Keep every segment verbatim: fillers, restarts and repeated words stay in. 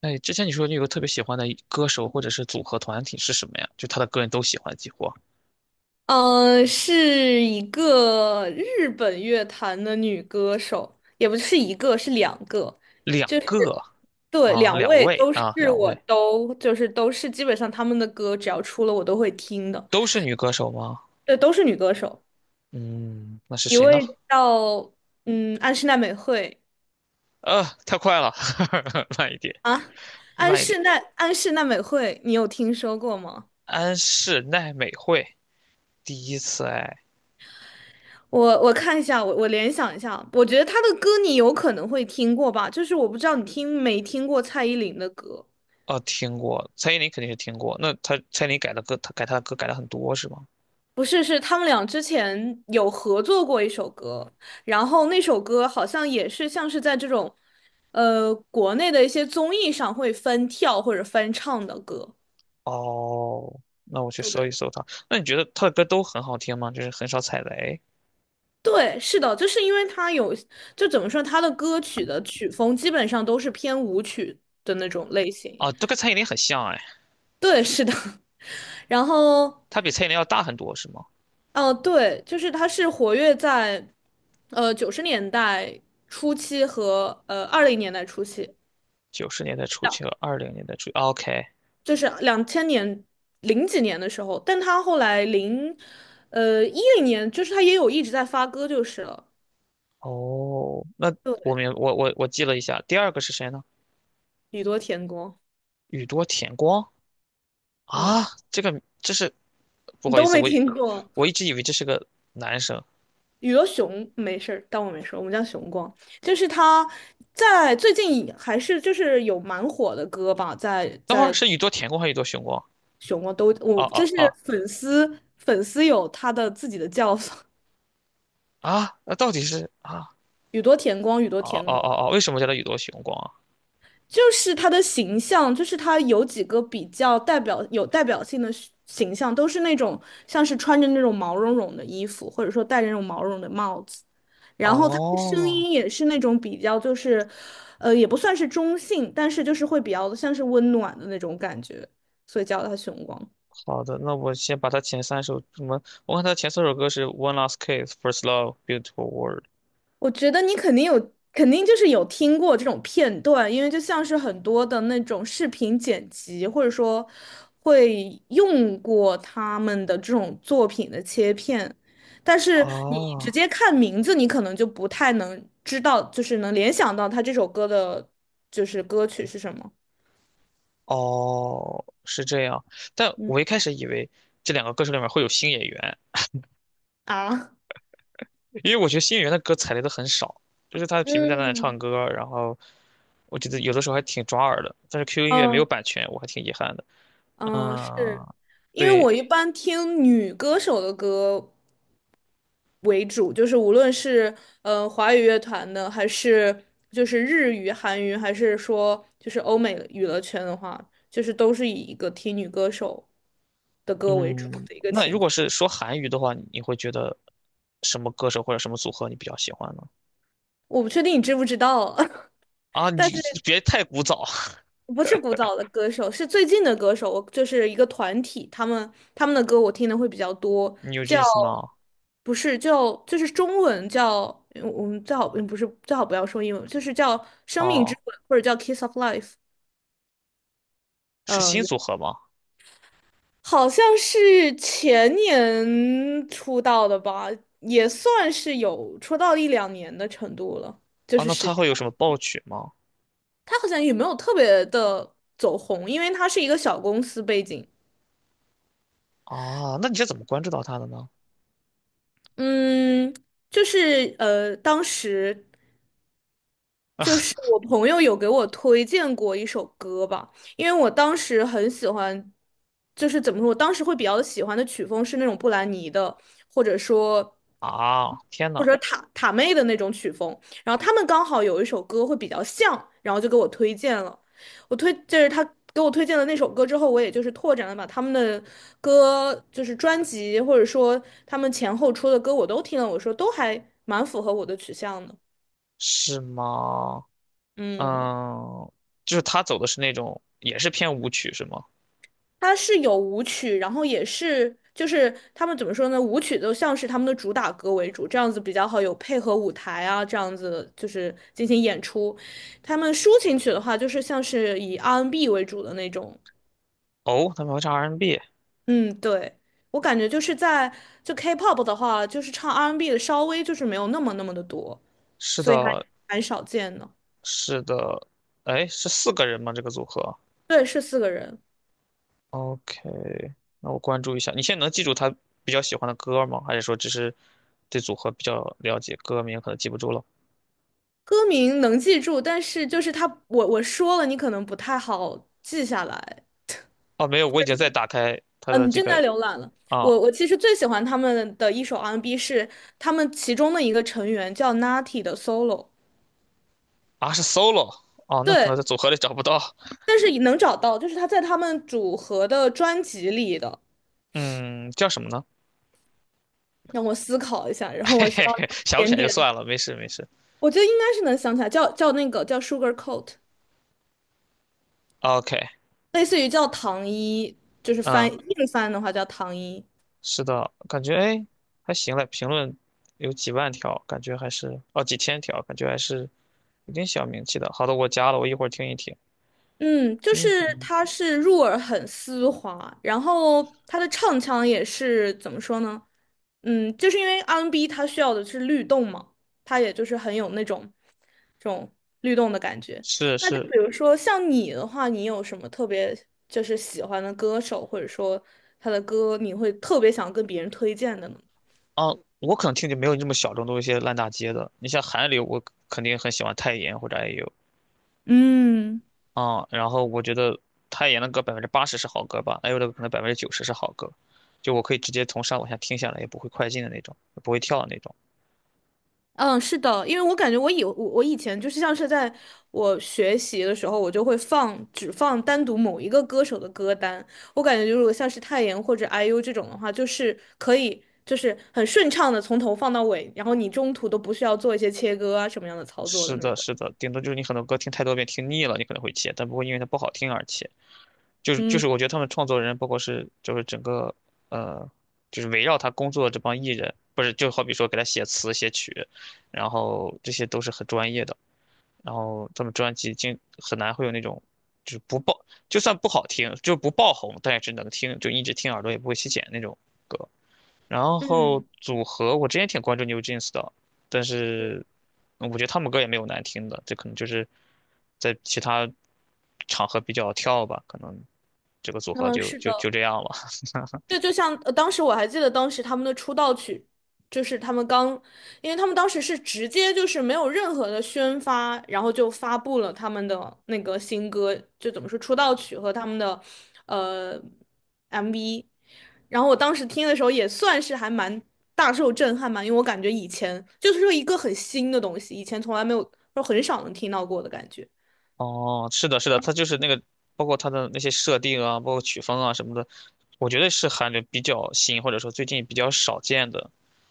哎，之前你说你有个特别喜欢的歌手或者是组合团体是什么呀？就他的歌人都喜欢，几乎呃，是一个日本乐坛的女歌手，也不是一个，是两个，两就个是对，啊，两两位位都是。啊，两我位都就是都是基本上他们的歌只要出了我都会听的，都是女歌手吗？对，都是女歌手。嗯，那是一谁呢？位叫嗯安室奈美惠。呃，太快了，慢一点，啊，安慢一点。室奈安室奈美惠，你有听说过吗？安室奈美惠，第一次哎。我我看一下，我我联想一下，我觉得她的歌你有可能会听过吧，就是我不知道你听没听过蔡依林的歌。哦，听过，蔡依林肯定是听过。那她蔡依林改的歌，她改她的歌改了很多是吗？不是，是他们俩之前有合作过一首歌，然后那首歌好像也是像是在这种，呃，国内的一些综艺上会翻跳或者翻唱的歌。哦，那我去对，搜一对，搜她。那你觉得她的歌都很好听吗？就是很少踩雷对，是的，就是因为他有，就怎么说，他的歌曲的曲风基本上都是偏舞曲的那种类型。啊，都跟蔡依林很像哎。对，是的。然后，它比蔡依林要大很多，是吗？哦，对，就是他是活跃在，呃，九十年代初期和呃二零年代初期。九十年代初期和二零年代初期，OK。就是两千年零几年的时候，但他后来零呃一零年，就是他也有一直在发歌就是了。哦，那我明我我我记了一下，第二个是谁呢？宇多田光。宇多田光嗯，啊，这个这是不你好意都思，没我以听过。我一直以为这是个男生。宇多雄没事儿，当我没说，我们叫雄光。就是他在最近还是就是有蛮火的歌吧，在等会儿在是宇多田光还是宇多雄光？雄光都哦我就哦是哦粉丝粉丝有他的自己的叫法，啊，那到底是啊？宇多田光，宇多哦田哦光。哦哦，为什么叫他宇多雄光啊？就是他的形象，就是他有几个比较代表有代表性的是形象，都是那种像是穿着那种毛茸茸的衣服，或者说戴着那种毛茸的帽子，然后他的声哦，音也是那种比较就是，呃，也不算是中性，但是就是会比较像是温暖的那种感觉，所以叫他熊光。好的，那我先把他前三首什么？我看他前三首歌是《One Last Kiss》《First Love》《Beautiful World》。我觉得你肯定有，肯定就是有听过这种片段，因为就像是很多的那种视频剪辑，或者说会用过他们的这种作品的切片，但是你直啊。接看名字，你可能就不太能知道，就是能联想到他这首歌的，就是歌曲是什么。哦，是这样。但嗯我一开始以为这两个歌手里面会有新演员，啊，因为我觉得新演员的歌踩雷的很少，就是他平平淡淡的唱嗯，歌，然后我觉得有的时候还挺抓耳的。但是 Q Q 音乐没有嗯。版权，我还挺遗憾的。嗯，嗯，是因为对。我一般听女歌手的歌为主，就是无论是呃华语乐团的，还是就是日语、韩语，还是说就是欧美娱乐圈的话，就是都是以一个听女歌手的歌为主嗯，的一个那如情果况。是说韩语的话，你会觉得什么歌手或者什么组合你比较喜欢呢？我不确定你知不知道啊，啊，你但是。别太古早，不是古早的歌手，是最近的歌手，我就是一个团体，他们他们的歌我听的会比较多。你有 w j 叫 e n s 吗？不是叫就是中文叫嗯我们最好嗯不是最好不要说英文，就是叫《生命之哦，吻》或者叫《Kiss of Life》。是嗯，新组合吗？好像是前年出道的吧，也算是有出道一两年的程度了，就啊，是那时他间。会有什么爆曲吗？他好像也没有特别的走红，因为他是一个小公司背景。啊，那你是怎么关注到他的呢？嗯，就是呃，当时就是我朋友有给我推荐过一首歌吧，因为我当时很喜欢，就是怎么说，我当时会比较喜欢的曲风是那种布兰妮的，或者说。啊，天呐。或者塔塔妹的那种曲风，然后他们刚好有一首歌会比较像，然后就给我推荐了。我推就是他给我推荐的那首歌之后，我也就是拓展了把他们的歌，就是专辑或者说他们前后出的歌我都听了，我说都还蛮符合我的取向的。是吗？嗯。嗯，就是他走的是那种也是偏舞曲是吗？它是有舞曲，然后也是就是他们怎么说呢？舞曲都像是他们的主打歌为主，这样子比较好，有配合舞台啊，这样子就是进行演出。他们抒情曲的话，就是像是以 R and B n 为主的那种。哦，他们会唱 R and B，n 嗯，对，我感觉就是在就 K-pop 的话，就是唱 R and B n 的稍微就是没有那么那么的多，是所以还的，蛮少见的。是的。哎，是四个人吗？这个组合对，是四个人。？OK,那我关注一下。你现在能记住他比较喜欢的歌吗？还是说只是对组合比较了解，歌名可能记不住了？歌名能记住，但是就是他，我我说了，你可能不太好记下来。哦，没有，我已经在打开他的嗯，你这正个。在浏览了。啊我我其实最喜欢他们的一首 R and B n 是他们其中的一个成员叫 Natty 的 solo。啊是 solo。 哦，那可能对，在组合里找不到。但是也能找到，就是他在他们组合的专辑里的。嗯，叫什么呢？让我思考一下，然后 嘿我需嘿要嘿，一想不起点来就点。算了，没事没事。我觉得应该是能想起来，叫叫那个叫 Sugar Coat,OK。类似于叫糖衣，就是翻嗯，硬翻的话叫糖衣。是的，感觉哎还行嘞，评论有几万条，感觉还是哦几千条，感觉还是有点小名气的。好的，我加了，我一会儿听一听。嗯，就是嗯哼。它是入耳很丝滑，然后它的唱腔也是怎么说呢？嗯，就是因为 R and B n 它需要的是律动嘛，它也就是很有那种这种律动的感觉。是那就是，比如说像你的话，你有什么特别就是喜欢的歌手，或者说他的歌你会特别想跟别人推荐的呢？啊，我可能听就没有你这么小众，都是一些烂大街的。你像韩流，我肯定很喜欢泰妍或者 I U,嗯。啊。嗯，然后我觉得泰妍的歌百分之八十是好歌吧，I U 的可能百分之九十是好歌，就我可以直接从上往下听下来，也不会快进的那种，也不会跳的那种。嗯，是的，因为我感觉我以我我以前就是像是在我学习的时候，我就会放只放单独某一个歌手的歌单。我感觉如果像是泰妍或者 I U 这种的话，就是可以就是很顺畅的从头放到尾，然后你中途都不需要做一些切割啊什么样的操作的是那的，种。是的，顶多就是你很多歌听太多遍听腻了，你可能会切，但不会因为它不好听而切。就是就嗯是，我觉得他们创作人，包括是就是整个，呃，就是围绕他工作的这帮艺人，不是就好比说给他写词写曲，然后这些都是很专业的，然后他们专辑经很难会有那种就是不爆，就算不好听，就不爆红，但也是能听，就一直听耳朵也不会起茧那种歌。然后嗯，组合，我之前挺关注 New Jeans 的，但是嗯我觉得他们歌也没有难听的，这可能就是在其他场合比较跳吧，可能这个组合嗯，就是就的。就这样了。对，就像呃，当时我还记得当时他们的出道曲，就是他们刚，因为他们当时是直接就是没有任何的宣发，然后就发布了他们的那个新歌，就怎么说出道曲和他们的呃 M V。然后我当时听的时候也算是还蛮大受震撼吧，因为我感觉以前就是说一个很新的东西，以前从来没有，说很少能听到过的感觉。哦，是的，是的，它就是那个，包括它的那些设定啊，包括曲风啊什么的，我觉得是韩流比较新，或者说最近比较少见的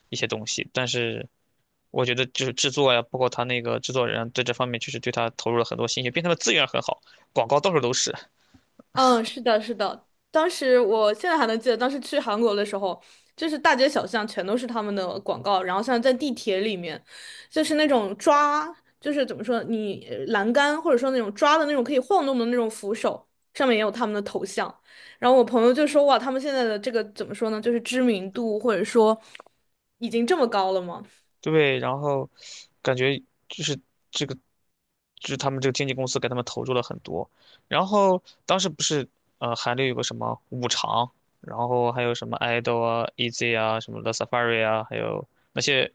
一些东西。但是我觉得就是制作呀，包括他那个制作人在这方面确实对他投入了很多心血，并且他的资源很好，广告到处都是。嗯，是的，是的。当时我现在还能记得，当时去韩国的时候，就是大街小巷全都是他们的广告，然后像在地铁里面，就是那种抓，就是怎么说，你呃栏杆或者说那种抓的那种可以晃动的那种扶手，上面也有他们的头像。然后我朋友就说，哇，他们现在的这个怎么说呢，就是知名度或者说已经这么高了吗？对，然后感觉就是这个，就是他们这个经纪公司给他们投入了很多。然后当时不是，呃，韩流有个什么五常，然后还有什么 idol 啊、E Z 啊、什么 The Safari 啊，还有那些，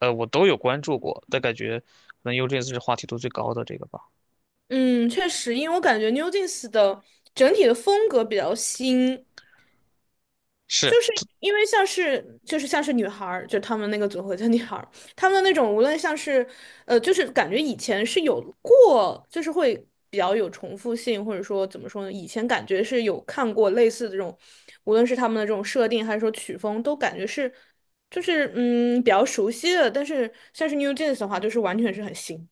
呃，我都有关注过，但感觉可能 U J S 是话题度最高的这个吧。嗯，确实，因为我感觉 NewJeans 的整体的风格比较新，是。就是因为像是就是像是女孩儿，就他们那个组合叫女孩儿，他们那种无论像是呃，就是感觉以前是有过，就是会比较有重复性，或者说怎么说呢？以前感觉是有看过类似的这种，无论是他们的这种设定还是说曲风，都感觉是就是嗯比较熟悉的。但是像是 New Jeans 的话，就是完全是很新。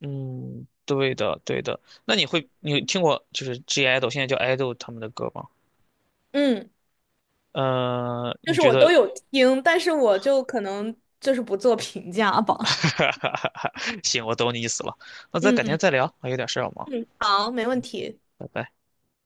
嗯，对的，对的。那你会你有听过就是 G idol 现在叫 idol 他们的歌吗？嗯，呃，就你是觉我都得 有听，但是我就可能就是不做评价 吧。哈，行，我懂你意思了。那 咱改天嗯再聊，我有点事儿要忙，嗯，好，没问题。拜拜。